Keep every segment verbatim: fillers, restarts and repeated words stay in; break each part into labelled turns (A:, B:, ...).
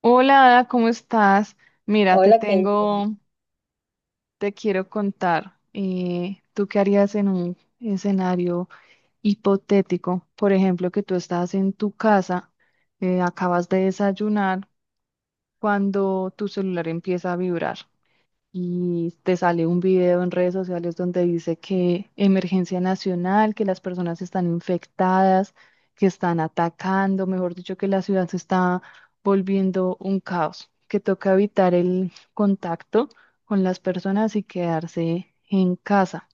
A: Hola, Ada, ¿cómo estás? Mira, te
B: Hola, Casey.
A: tengo, te quiero contar, eh, ¿tú qué harías en un escenario hipotético? Por ejemplo, que tú estás en tu casa, eh, acabas de desayunar, cuando tu celular empieza a vibrar y te sale un video en redes sociales donde dice que emergencia nacional, que las personas están infectadas, que están atacando, mejor dicho, que la ciudad se está volviendo un caos, que toca evitar el contacto con las personas y quedarse en casa.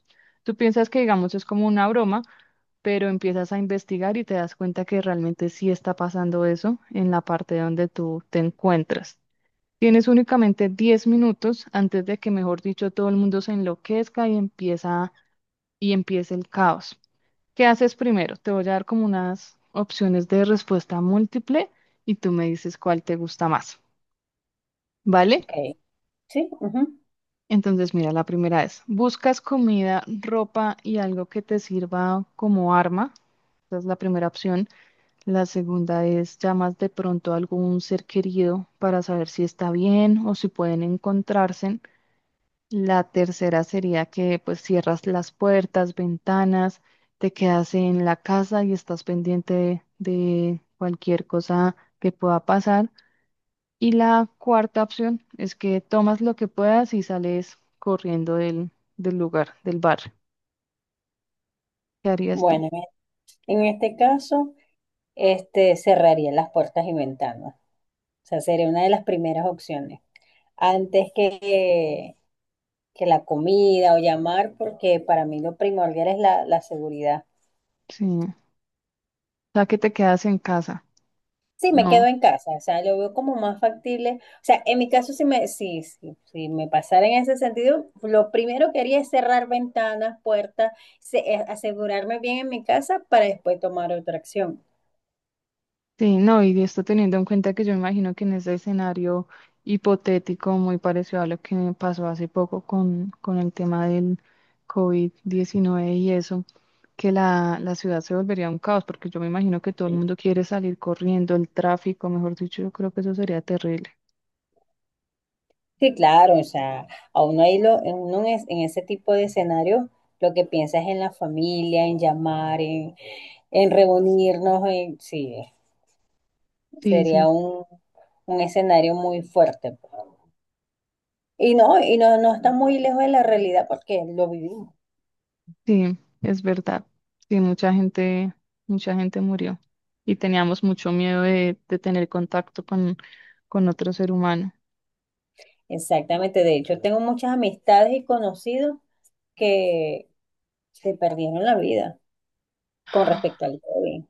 A: Tú piensas que, digamos, es como una broma, pero empiezas a investigar y te das cuenta que realmente sí está pasando eso en la parte donde tú te encuentras. Tienes únicamente diez minutos antes de que, mejor dicho, todo el mundo se enloquezca y empieza y empiece el caos. ¿Qué haces primero? Te voy a dar como unas opciones de respuesta múltiple y tú me dices cuál te gusta más, ¿vale?
B: Ok, sí, ujú.
A: Entonces, mira, la primera es, ¿buscas comida, ropa y algo que te sirva como arma? Esa es la primera opción. La segunda es, ¿llamas de pronto a algún ser querido para saber si está bien o si pueden encontrarse? La tercera sería que pues cierras las puertas, ventanas, te quedas en la casa y estás pendiente de, de cualquier cosa que pueda pasar. Y la cuarta opción es que tomas lo que puedas y sales corriendo del, del lugar, del bar. ¿Qué harías tú?
B: Bueno, en en este caso, este, cerraría las puertas y ventanas. O sea, sería una de las primeras opciones. Antes que, que la comida o llamar, porque para mí lo primordial es la, la seguridad.
A: Sí. O sea, que te quedas en casa.
B: Sí, me quedo
A: No.
B: en casa, o sea, lo veo como más factible. O sea, en mi caso, si me, sí, sí, si me pasara en ese sentido, lo primero que haría es cerrar ventanas, puertas, se- eh, asegurarme bien en mi casa para después tomar otra acción.
A: Sí, no, y esto teniendo en cuenta que yo imagino que en ese escenario hipotético muy parecido a lo que me pasó hace poco con, con el tema del covid diecinueve y eso, que la, la ciudad se volvería un caos, porque yo me imagino que todo el mundo quiere salir corriendo, el tráfico, mejor dicho, yo creo que eso sería terrible.
B: Sí, claro, o sea, a uno ahí lo, en uno en, es- en ese tipo de escenarios lo que piensa es en la familia, en llamar, en, en reunirnos, en, sí,
A: Sí,
B: sería
A: sí,
B: un, un escenario muy fuerte. Y no, y no, no está muy lejos de la realidad porque lo vivimos.
A: sí, es verdad. Sí, mucha gente, mucha gente murió y teníamos mucho miedo de, de tener contacto con, con otro ser humano.
B: Exactamente, de hecho, tengo muchas amistades y conocidos que se perdieron la vida con respecto al COVID.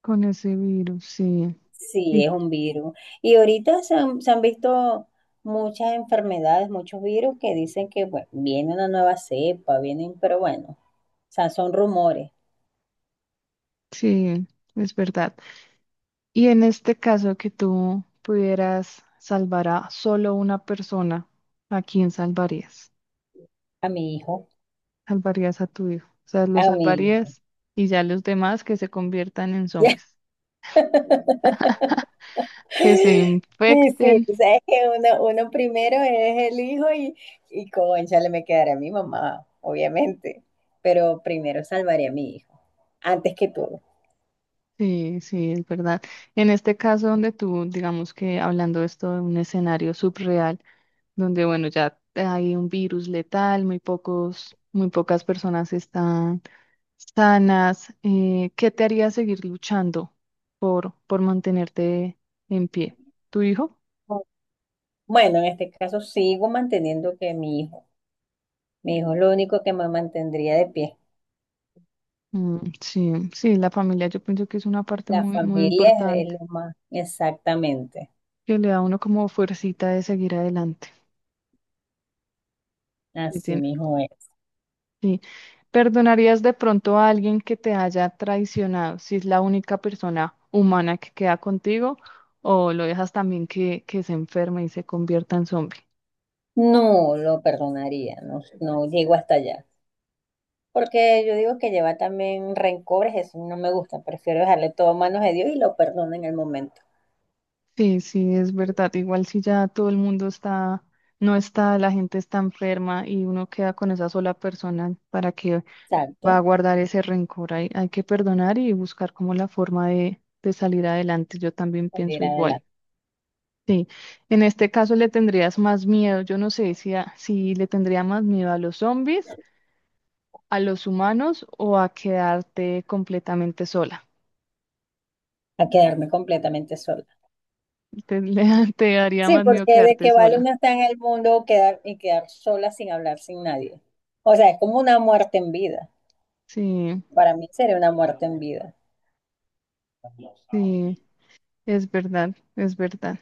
A: Con ese virus, sí,
B: Sí,
A: y,
B: es un virus. Y ahorita se han, se han visto muchas enfermedades, muchos virus que dicen que bueno, viene una nueva cepa, vienen, pero bueno, o sea, son rumores.
A: sí, es verdad. Y en este caso que tú pudieras salvar a solo una persona, ¿a quién salvarías?
B: A mi hijo,
A: Salvarías a tu hijo. O sea, lo
B: a mi hijo.
A: salvarías y ya los demás que se conviertan en zombies, que se
B: Sí, sí,
A: infecten.
B: tú sabes que uno, uno primero es el hijo y, y cónchale, me quedaré a mi mamá, obviamente, pero primero salvaré a mi hijo, antes que todo.
A: Sí, sí, es verdad. En este caso donde tú, digamos que hablando esto de un escenario subreal, donde bueno, ya hay un virus letal, muy pocos, muy pocas personas están sanas. Eh, ¿qué te haría seguir luchando por, por mantenerte en pie? ¿Tu hijo?
B: Bueno, en este caso sigo manteniendo que mi hijo, mi hijo, es lo único que me mantendría de pie.
A: Mm, sí, sí, la familia yo pienso que es una parte
B: La
A: muy, muy
B: familia es
A: importante
B: es lo más. Exactamente.
A: que le da a uno como fuercita de seguir adelante.
B: Así
A: Sí,
B: mismo es.
A: Sí. ¿Perdonarías de pronto a alguien que te haya traicionado si es la única persona humana que queda contigo o lo dejas también que, que se enferme y se convierta en zombie?
B: No lo perdonaría, no, no llego hasta allá. Porque yo digo que lleva también rencores, eso no me gusta. Prefiero dejarle todo a manos de Dios y lo perdono en el momento.
A: Sí, sí, es verdad. Igual si ya todo el mundo está, no está, la gente está enferma y uno queda con esa sola persona, ¿para que va a
B: Exacto,
A: guardar ese rencor? Hay, hay que perdonar y buscar como la forma de, de salir adelante. Yo también pienso
B: salir
A: igual.
B: adelante,
A: Sí, en este caso le tendrías más miedo. Yo no sé si, a- si le tendría más miedo a los zombies, a los humanos o a quedarte completamente sola.
B: a quedarme completamente sola.
A: Te, le- te daría
B: Sí,
A: más miedo
B: porque de
A: quedarte
B: que vale
A: sola.
B: una estar en el mundo quedar, y quedar sola sin hablar, sin nadie. O sea, es como una muerte en vida.
A: Sí,
B: Para mí sería una muerte en vida.
A: sí, es verdad, es verdad.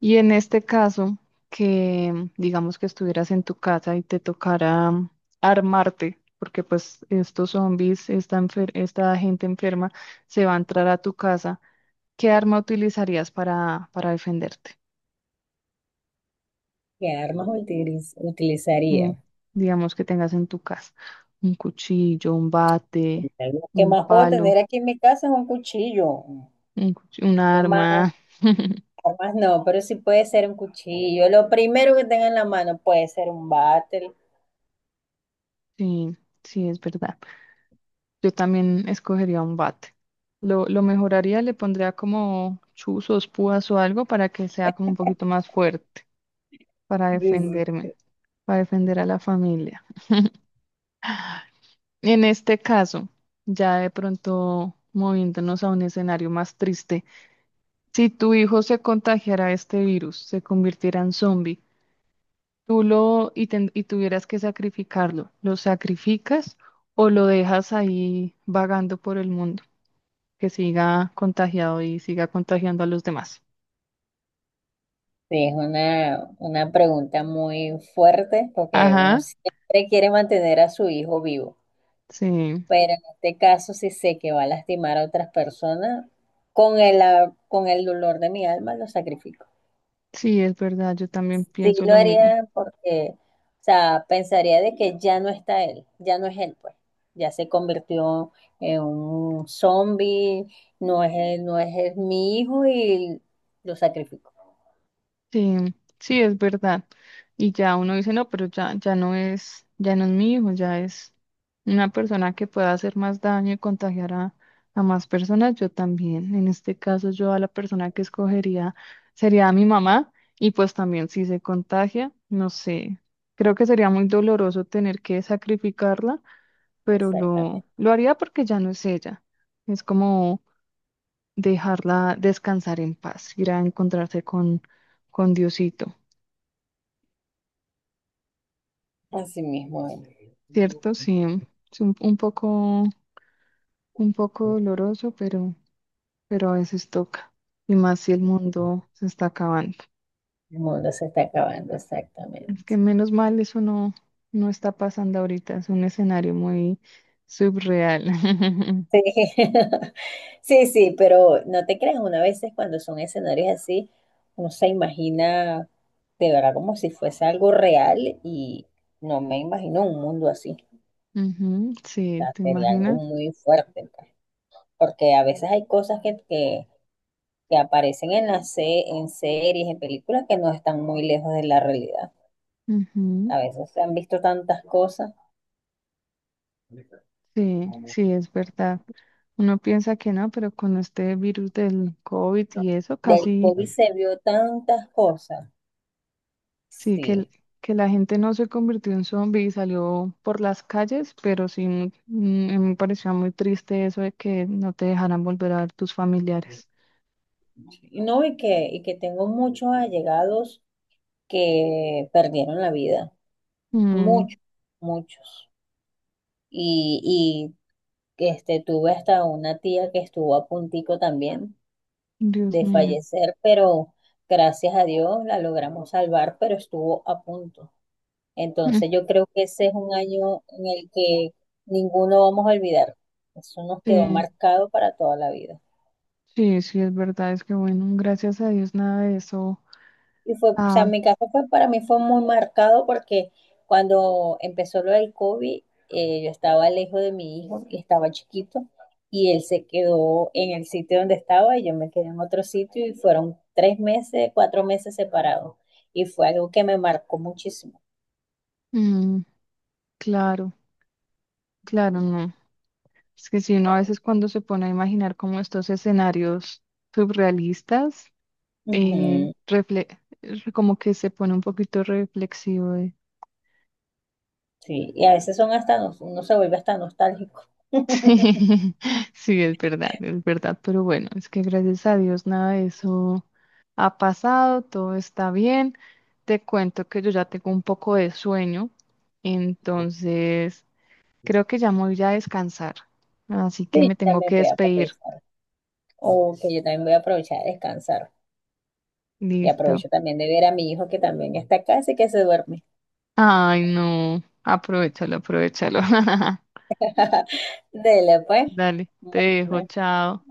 A: Y en este caso, que digamos que estuvieras en tu casa y te tocara mm, armarte, porque pues estos zombies, esta, enfer- esta gente enferma se va a entrar a tu casa. ¿Qué arma utilizarías para, para defenderte?
B: ¿Qué armas utiliz-
A: Eh,
B: utilizaría?
A: digamos que tengas en tu casa un cuchillo, un bate,
B: Lo que
A: un
B: más puedo
A: palo,
B: tener aquí en mi casa es un cuchillo.
A: un, cuch- un
B: Lo más,
A: arma.
B: armas no, pero sí puede ser un cuchillo. Lo primero que tenga en la mano puede ser un bate.
A: Sí, sí, es verdad. Yo también escogería un bate. Lo, lo mejoraría, le pondría como chuzos, púas o algo para que sea como un poquito más fuerte para
B: Sí, sí.
A: defenderme, para defender a la familia. En este caso, ya de pronto moviéndonos a un escenario más triste. Si tu hijo se contagiara de este virus, se convirtiera en zombie, tú lo y, ten- y tuvieras que sacrificarlo, ¿lo sacrificas o lo dejas ahí vagando por el mundo, que siga contagiado y siga contagiando a los demás?
B: Sí, es una, una pregunta muy fuerte porque uno
A: Ajá,
B: siempre quiere mantener a su hijo vivo.
A: sí,
B: Pero en este caso, si sé que va a lastimar a otras personas, con el, ah, con el dolor de mi alma lo sacrifico.
A: sí, es verdad, yo también
B: Sí,
A: pienso
B: lo
A: lo mismo.
B: haría porque, o sea, pensaría de que ya no está él, ya no es él, pues. Ya se convirtió en un zombie, no es él, no es él, mi hijo y lo sacrifico.
A: Sí, sí, es verdad. Y ya uno dice, no, pero ya, ya no es, ya no es mi hijo, ya es una persona que pueda hacer más daño y contagiar a, a más personas. Yo también, en este caso, yo a la persona que escogería sería a mi mamá y pues también si se contagia, no sé, creo que sería muy doloroso tener que sacrificarla, pero lo,
B: Exactamente.
A: lo haría porque ya no es ella. Es como dejarla descansar en paz, ir a encontrarse con, con Diosito.
B: Así mismo es.
A: Cierto, sí, es un, un poco, un poco doloroso, pero, pero a veces toca. Y más si el mundo se está acabando.
B: El mundo se está acabando,
A: Es que
B: exactamente.
A: menos mal eso no, no está pasando ahorita. Es un escenario muy subreal.
B: Sí. Sí, sí, pero no te creas, una vez cuando son escenarios así, uno se imagina de verdad como si fuese algo real y no me imagino un mundo así.
A: Ujú, sí,
B: Sea,
A: ¿te
B: sería algo
A: imaginas?
B: muy fuerte, pues, porque a veces hay cosas que, que, que aparecen en las se- en series, en películas que no están muy lejos de la realidad.
A: Ujú,
B: A veces se han visto tantas cosas,
A: sí, sí, es verdad. Uno piensa que no, pero con este virus del COVID y eso,
B: del
A: casi
B: COVID se vio tantas cosas,
A: sí, que, el-
B: sí.
A: que la gente no se convirtió en zombie y salió por las calles, pero sí mm, mm, me pareció muy triste eso de que no te dejaran volver a ver tus familiares.
B: Y no, y que, y que tengo muchos allegados que perdieron la vida,
A: Mm,
B: muchos, muchos. Y, y este, tuve hasta una tía que estuvo a puntico también
A: Dios
B: de
A: mío.
B: fallecer, pero gracias a Dios la logramos salvar, pero estuvo a punto.
A: Mm,
B: Entonces yo creo que ese es un año en el que ninguno vamos a olvidar. Eso nos quedó
A: sí,
B: marcado para toda la vida.
A: sí, sí, es verdad, es que bueno, gracias a Dios nada de eso.
B: Y fue, o sea,
A: Ah,
B: mi caso fue, para mí fue muy marcado porque cuando empezó lo del COVID, eh, yo estaba lejos de mi hijo y estaba chiquito y él se quedó en el sitio donde estaba y yo me quedé en otro sitio y fueron tres meses, cuatro meses separados y fue algo que me marcó muchísimo.
A: mm, claro, claro, no. Es que si uno a veces cuando se pone a imaginar como estos escenarios surrealistas, eh,
B: Ujú,
A: refle- como que se pone un poquito reflexivo.
B: sí, y a veces son hasta, nos- uno se vuelve hasta nostálgico.
A: Sí, es verdad, es verdad, pero bueno, es que gracias a Dios nada de eso ha pasado, todo está bien. Te cuento que yo ya tengo un poco de sueño, entonces creo que ya me voy a descansar, así que
B: Sí, yo
A: me tengo
B: también
A: que
B: voy a
A: despedir.
B: aprovechar, o que yo también voy a aprovechar a descansar y
A: Listo.
B: aprovecho también de ver a mi hijo que también está acá, así que se duerme.
A: Ay, no, aprovechalo, aprovechalo.
B: Dele, pues.
A: Dale, te dejo,
B: Bueno,
A: chao.